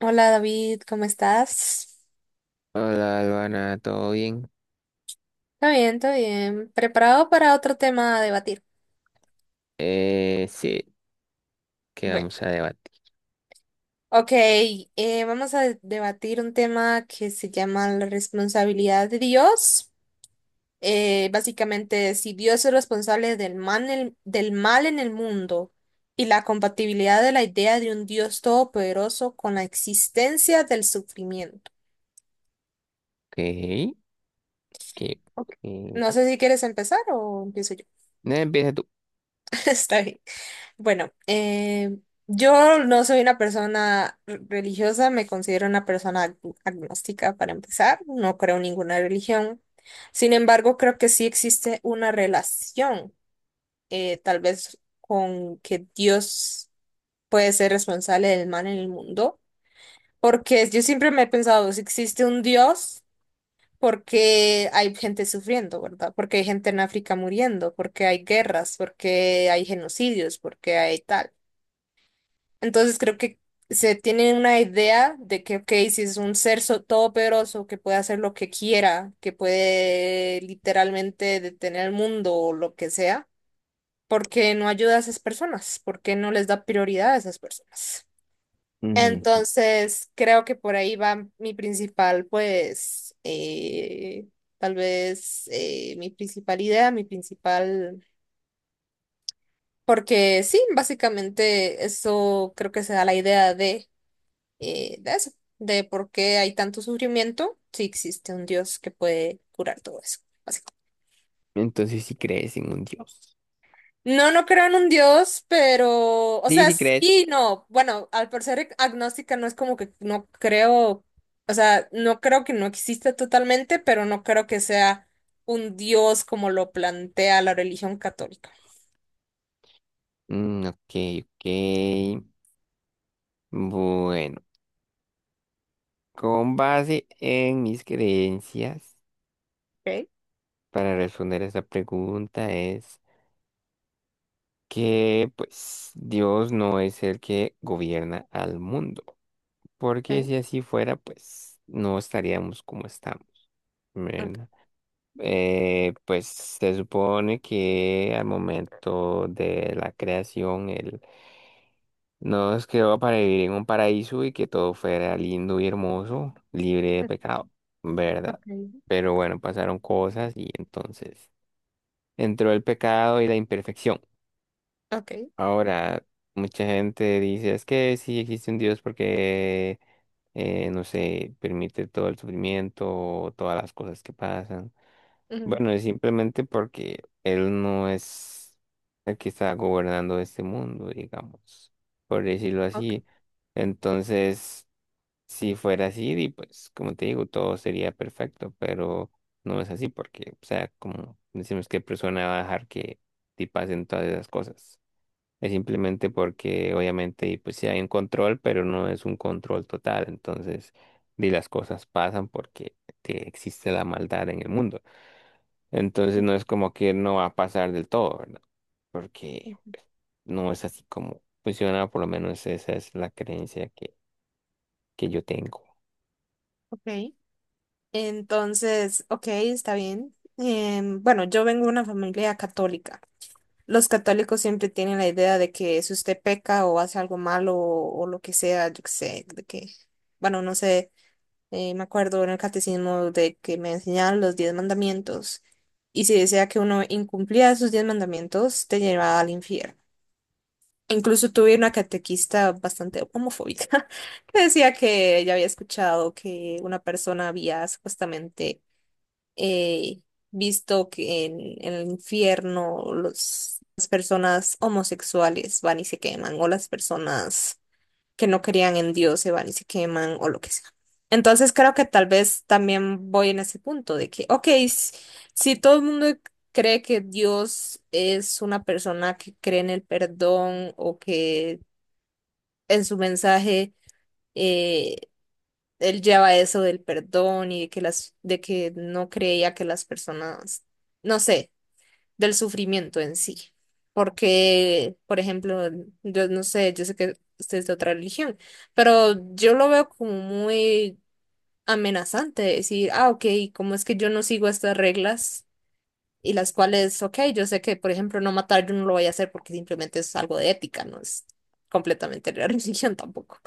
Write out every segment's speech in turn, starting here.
Hola David, ¿cómo estás? Hola, Luana, ¿todo bien? Está bien, está bien. ¿Preparado para otro tema a debatir? Sí, que Bueno, vamos a debatir. ok, vamos a debatir un tema que se llama la responsabilidad de Dios. Básicamente, si Dios es responsable del mal, del mal en el mundo y la compatibilidad de la idea de un Dios todopoderoso con la existencia del sufrimiento. Ok, que Ok. eh, No sé si quieres empezar o empiezo yo. no, empieza tú. Está bien. Bueno, yo no soy una persona religiosa, me considero una persona agnóstica para empezar, no creo en ninguna religión. Sin embargo, creo que sí existe una relación, tal vez con que Dios puede ser responsable del mal en el mundo, porque yo siempre me he pensado, si existe un Dios, porque hay gente sufriendo, ¿verdad? Porque hay gente en África muriendo, porque hay guerras, porque hay genocidios, porque hay tal. Entonces creo que se tiene una idea de que, ok, si es un ser todopoderoso que puede hacer lo que quiera, que puede literalmente detener el mundo o lo que sea, ¿por qué no ayuda a esas personas? ¿Por qué no les da prioridad a esas personas? Mm, Entonces creo que por ahí va mi principal, pues, tal vez mi principal idea, mi principal... Porque sí, básicamente eso creo que se da la idea de eso, de por qué hay tanto sufrimiento, si existe un Dios que puede curar todo eso, básicamente. Entonces, si crees en un dios. No, no creo en un Dios, pero, o Sí, sea, sí crees. sí, no, bueno, al por ser agnóstica no es como que no creo, o sea, no creo que no exista totalmente, pero no creo que sea un Dios como lo plantea la religión católica. Mm, ok, ok. Bueno, con base en mis creencias, Okay, para responder a esta pregunta es que, pues, Dios no es el que gobierna al mundo. Porque okay, si así fuera, pues, no estaríamos como estamos, ¿verdad? Pues se supone que al momento de la creación él nos creó para vivir en un paraíso y que todo fuera lindo y hermoso, libre de okay, pecado, ¿verdad? okay, Pero bueno, pasaron cosas y entonces entró el pecado y la imperfección. okay, Ahora, mucha gente dice, es que sí existe un Dios porque, no sé, permite todo el sufrimiento, todas las cosas que pasan. ujú, Bueno, es simplemente porque él no es el que está gobernando este mundo, digamos, por decirlo okay, así. Entonces, si fuera así, di, pues, como te digo, todo sería perfecto, pero no es así porque, o sea, como decimos, ¿qué persona va a dejar que te pasen todas esas cosas? Es simplemente porque obviamente y pues sí hay un control, pero no es un control total. Entonces, di las cosas pasan porque que existe la maldad en el mundo. Entonces ujú, no es como que no va a pasar del todo, ¿verdad? Porque ujú, pues, no es así como funciona, por lo menos esa es la creencia que yo tengo. ok. Entonces, ok, está bien. Bueno, yo vengo de una familia católica. Los católicos siempre tienen la idea de que si usted peca o hace algo malo o lo que sea, yo qué sé, de que, bueno, no sé, me acuerdo en el catecismo de que me enseñaban los 10 mandamientos y si decía que uno incumplía esos 10 mandamientos, te llevaba al infierno. Incluso tuve una catequista bastante homofóbica que decía que ella había escuchado que una persona había supuestamente eh, visto que en el infierno las personas homosexuales van y se queman, o las personas que no creían en Dios se van y se queman, o lo que sea. Entonces creo que tal vez también voy en ese punto de que, ok, si todo el mundo cree que Dios es una persona que cree en el perdón o que en su mensaje eh, él lleva eso del perdón y de que de que no creía que las personas, no sé, del sufrimiento en sí. Porque, por ejemplo, yo no sé, yo sé que usted es de otra religión, pero yo lo veo como muy amenazante decir, ah, ok, ¿cómo es que yo no sigo estas reglas? Y las cuales, ok, yo sé que, por ejemplo, no matar yo no lo voy a hacer porque simplemente es algo de ética, no es completamente de la religión tampoco.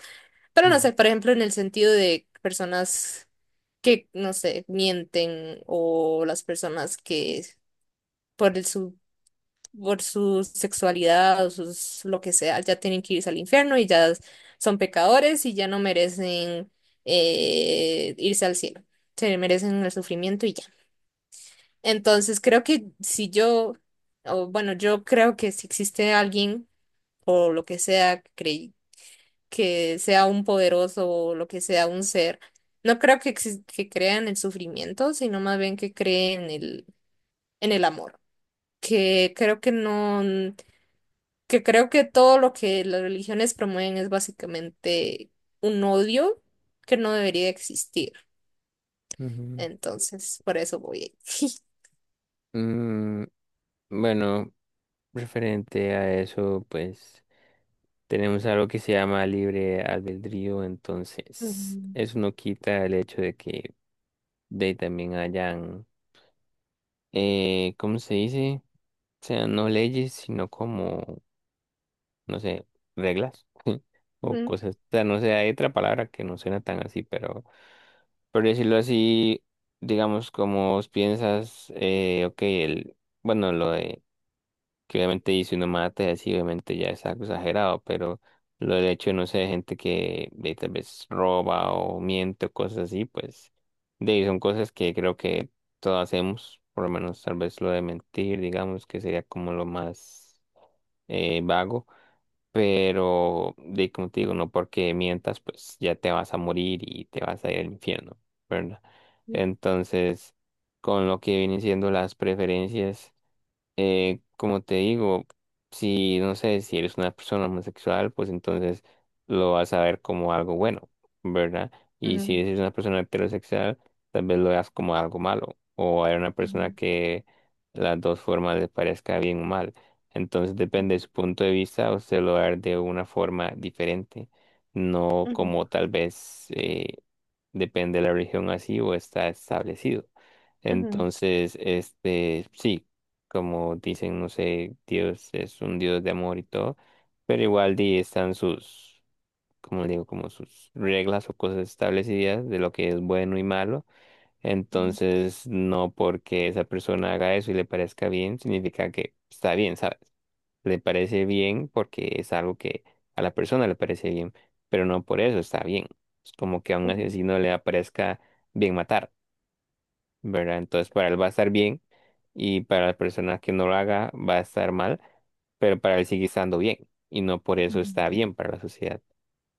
Pero no Ujú, sé, por ejemplo, en el sentido de personas que, no sé, mienten o las personas que por el su, por su sexualidad o sus, lo que sea, ya tienen que irse al infierno y ya son pecadores y ya no merecen irse al cielo. Se merecen el sufrimiento y ya. Entonces creo que si yo, o bueno, yo creo que si existe alguien o lo que sea un poderoso o lo que sea un ser. No creo que, que crea en el sufrimiento, sino más bien que cree en el amor. Que creo que no, que creo que todo lo que las religiones promueven es básicamente un odio que no debería existir. ujú. Entonces, por eso voy ahí. Mm, Bueno, referente a eso, pues tenemos algo que se llama libre albedrío, entonces eso no quita el hecho de que de ahí también hayan, ¿cómo se dice? O sea, no leyes, sino como, no sé, reglas o Ujú, cosas. O sea, no sé, hay otra palabra que no suena tan así, pero por decirlo así, digamos, como vos piensas, ok, el, bueno, lo de... que obviamente y si uno mata y así, obviamente ya es algo exagerado, pero lo del hecho de, no sé, gente que de, tal vez roba o miente o cosas así, pues de ahí son cosas que creo que todos hacemos, por lo menos tal vez lo de mentir, digamos, que sería como lo más vago, pero de ahí, como te digo, no porque mientas, pues ya te vas a morir y te vas a ir al infierno, ¿verdad? Entonces, con lo que vienen siendo las preferencias como te digo, si no sé, si eres una persona homosexual, pues entonces lo vas a ver como algo bueno, ¿verdad? Y si ujú, eres una persona heterosexual, tal vez lo veas como algo malo, o hay una persona que las dos formas le parezca bien o mal. Entonces depende de su punto de vista, usted lo va a ver de una forma diferente, no ujú, como tal vez depende de la religión así o está establecido. ujú, ujú, Entonces, este, sí como dicen, no sé, Dios es un Dios de amor y todo, pero igual di, están sus, como digo, como sus reglas o cosas establecidas de lo que es bueno y malo. ujú, Entonces, no porque esa persona haga eso y le parezca bien, significa que está bien, ¿sabes? Le parece bien porque es algo que a la persona le parece bien, pero no por eso está bien. Es como que a un ujú, ujú. asesino le aparezca bien matar. ¿Verdad? Entonces para él va a estar bien y para la persona que no lo haga va a estar mal, pero para él sigue estando bien y no por eso está bien para la sociedad.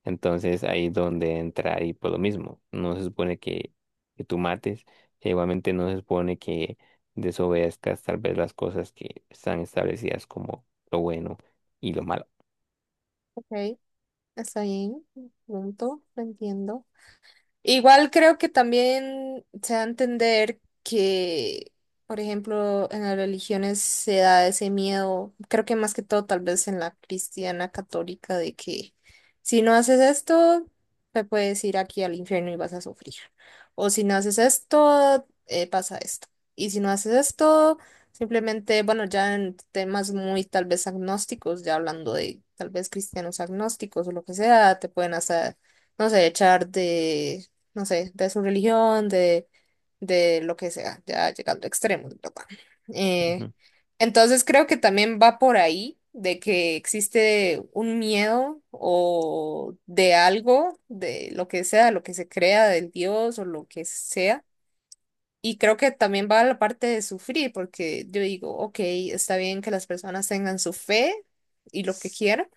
Entonces ahí es donde entra ahí por lo mismo. No se supone que tú mates, e igualmente no se supone que desobedezcas tal vez las cosas que están establecidas como lo bueno y lo malo. Ok, está bien. Punto, lo entiendo. Igual creo que también se da a entender que, por ejemplo, en las religiones se da ese miedo, creo que más que todo tal vez en la cristiana católica, de que si no haces esto, te puedes ir aquí al infierno y vas a sufrir. O si no haces esto, pasa esto. Y si no haces esto, simplemente, bueno, ya en temas muy tal vez agnósticos, ya hablando de tal vez cristianos agnósticos o lo que sea, te pueden hacer no sé, echar de no sé, de su religión, de lo que sea, ya llegando a extremos, ¿verdad? Eh, Ujú. entonces creo que también va por ahí de que existe un miedo o de algo, de lo que sea, lo que se crea del Dios o lo que sea. Y creo que también va la parte de sufrir, porque yo digo, ok, está bien que las personas tengan su fe y lo que quieran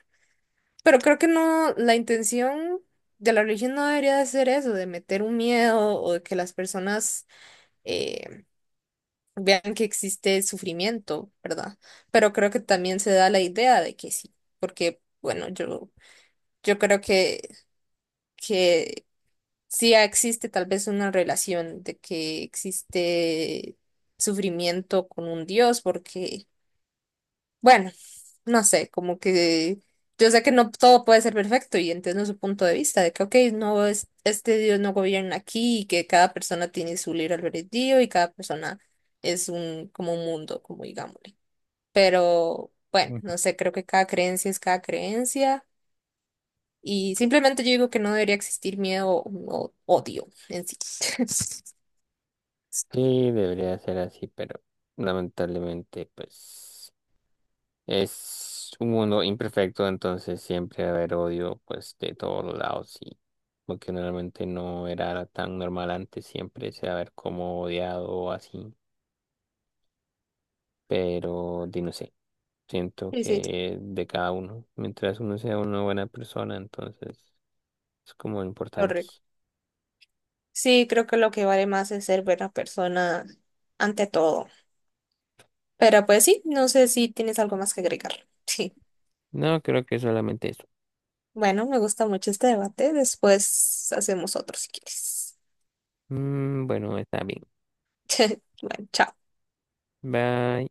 pero creo que no, la intención de la religión no debería de ser eso, de meter un miedo o de que las personas eh, vean que existe sufrimiento, ¿verdad? Pero creo que también se da la idea de que sí, porque, bueno, yo creo que, que sí existe tal vez una relación de que existe sufrimiento con un Dios, porque bueno, no sé, como que yo sé que no todo puede ser perfecto y entiendo su punto de vista de que, ok, no es, este Dios no gobierna aquí y que cada persona tiene su libre albedrío y cada persona es un, como un mundo, como digámosle. Pero bueno, Ujú. no sé, creo que cada creencia es cada creencia y simplemente yo digo que no debería existir miedo o odio en sí. Sí, debería ser así, pero lamentablemente pues... Es un mundo imperfecto, entonces siempre va a haber odio, pues, de todos los lados, y lo que normalmente no era tan normal antes, siempre se va a ver como odiado o así, pero di no sé, siento Sí, sí, que de cada uno, mientras uno sea una buena persona, entonces es como importante. correcto. Sí, creo que lo que vale más es ser buena persona ante todo. Pero pues sí, no sé si tienes algo más que agregar. Sí. No, creo que solamente eso. Bueno, me gusta mucho este debate. Después hacemos otro si quieres. Mm, bueno, está bien. Bueno, chao. Bye.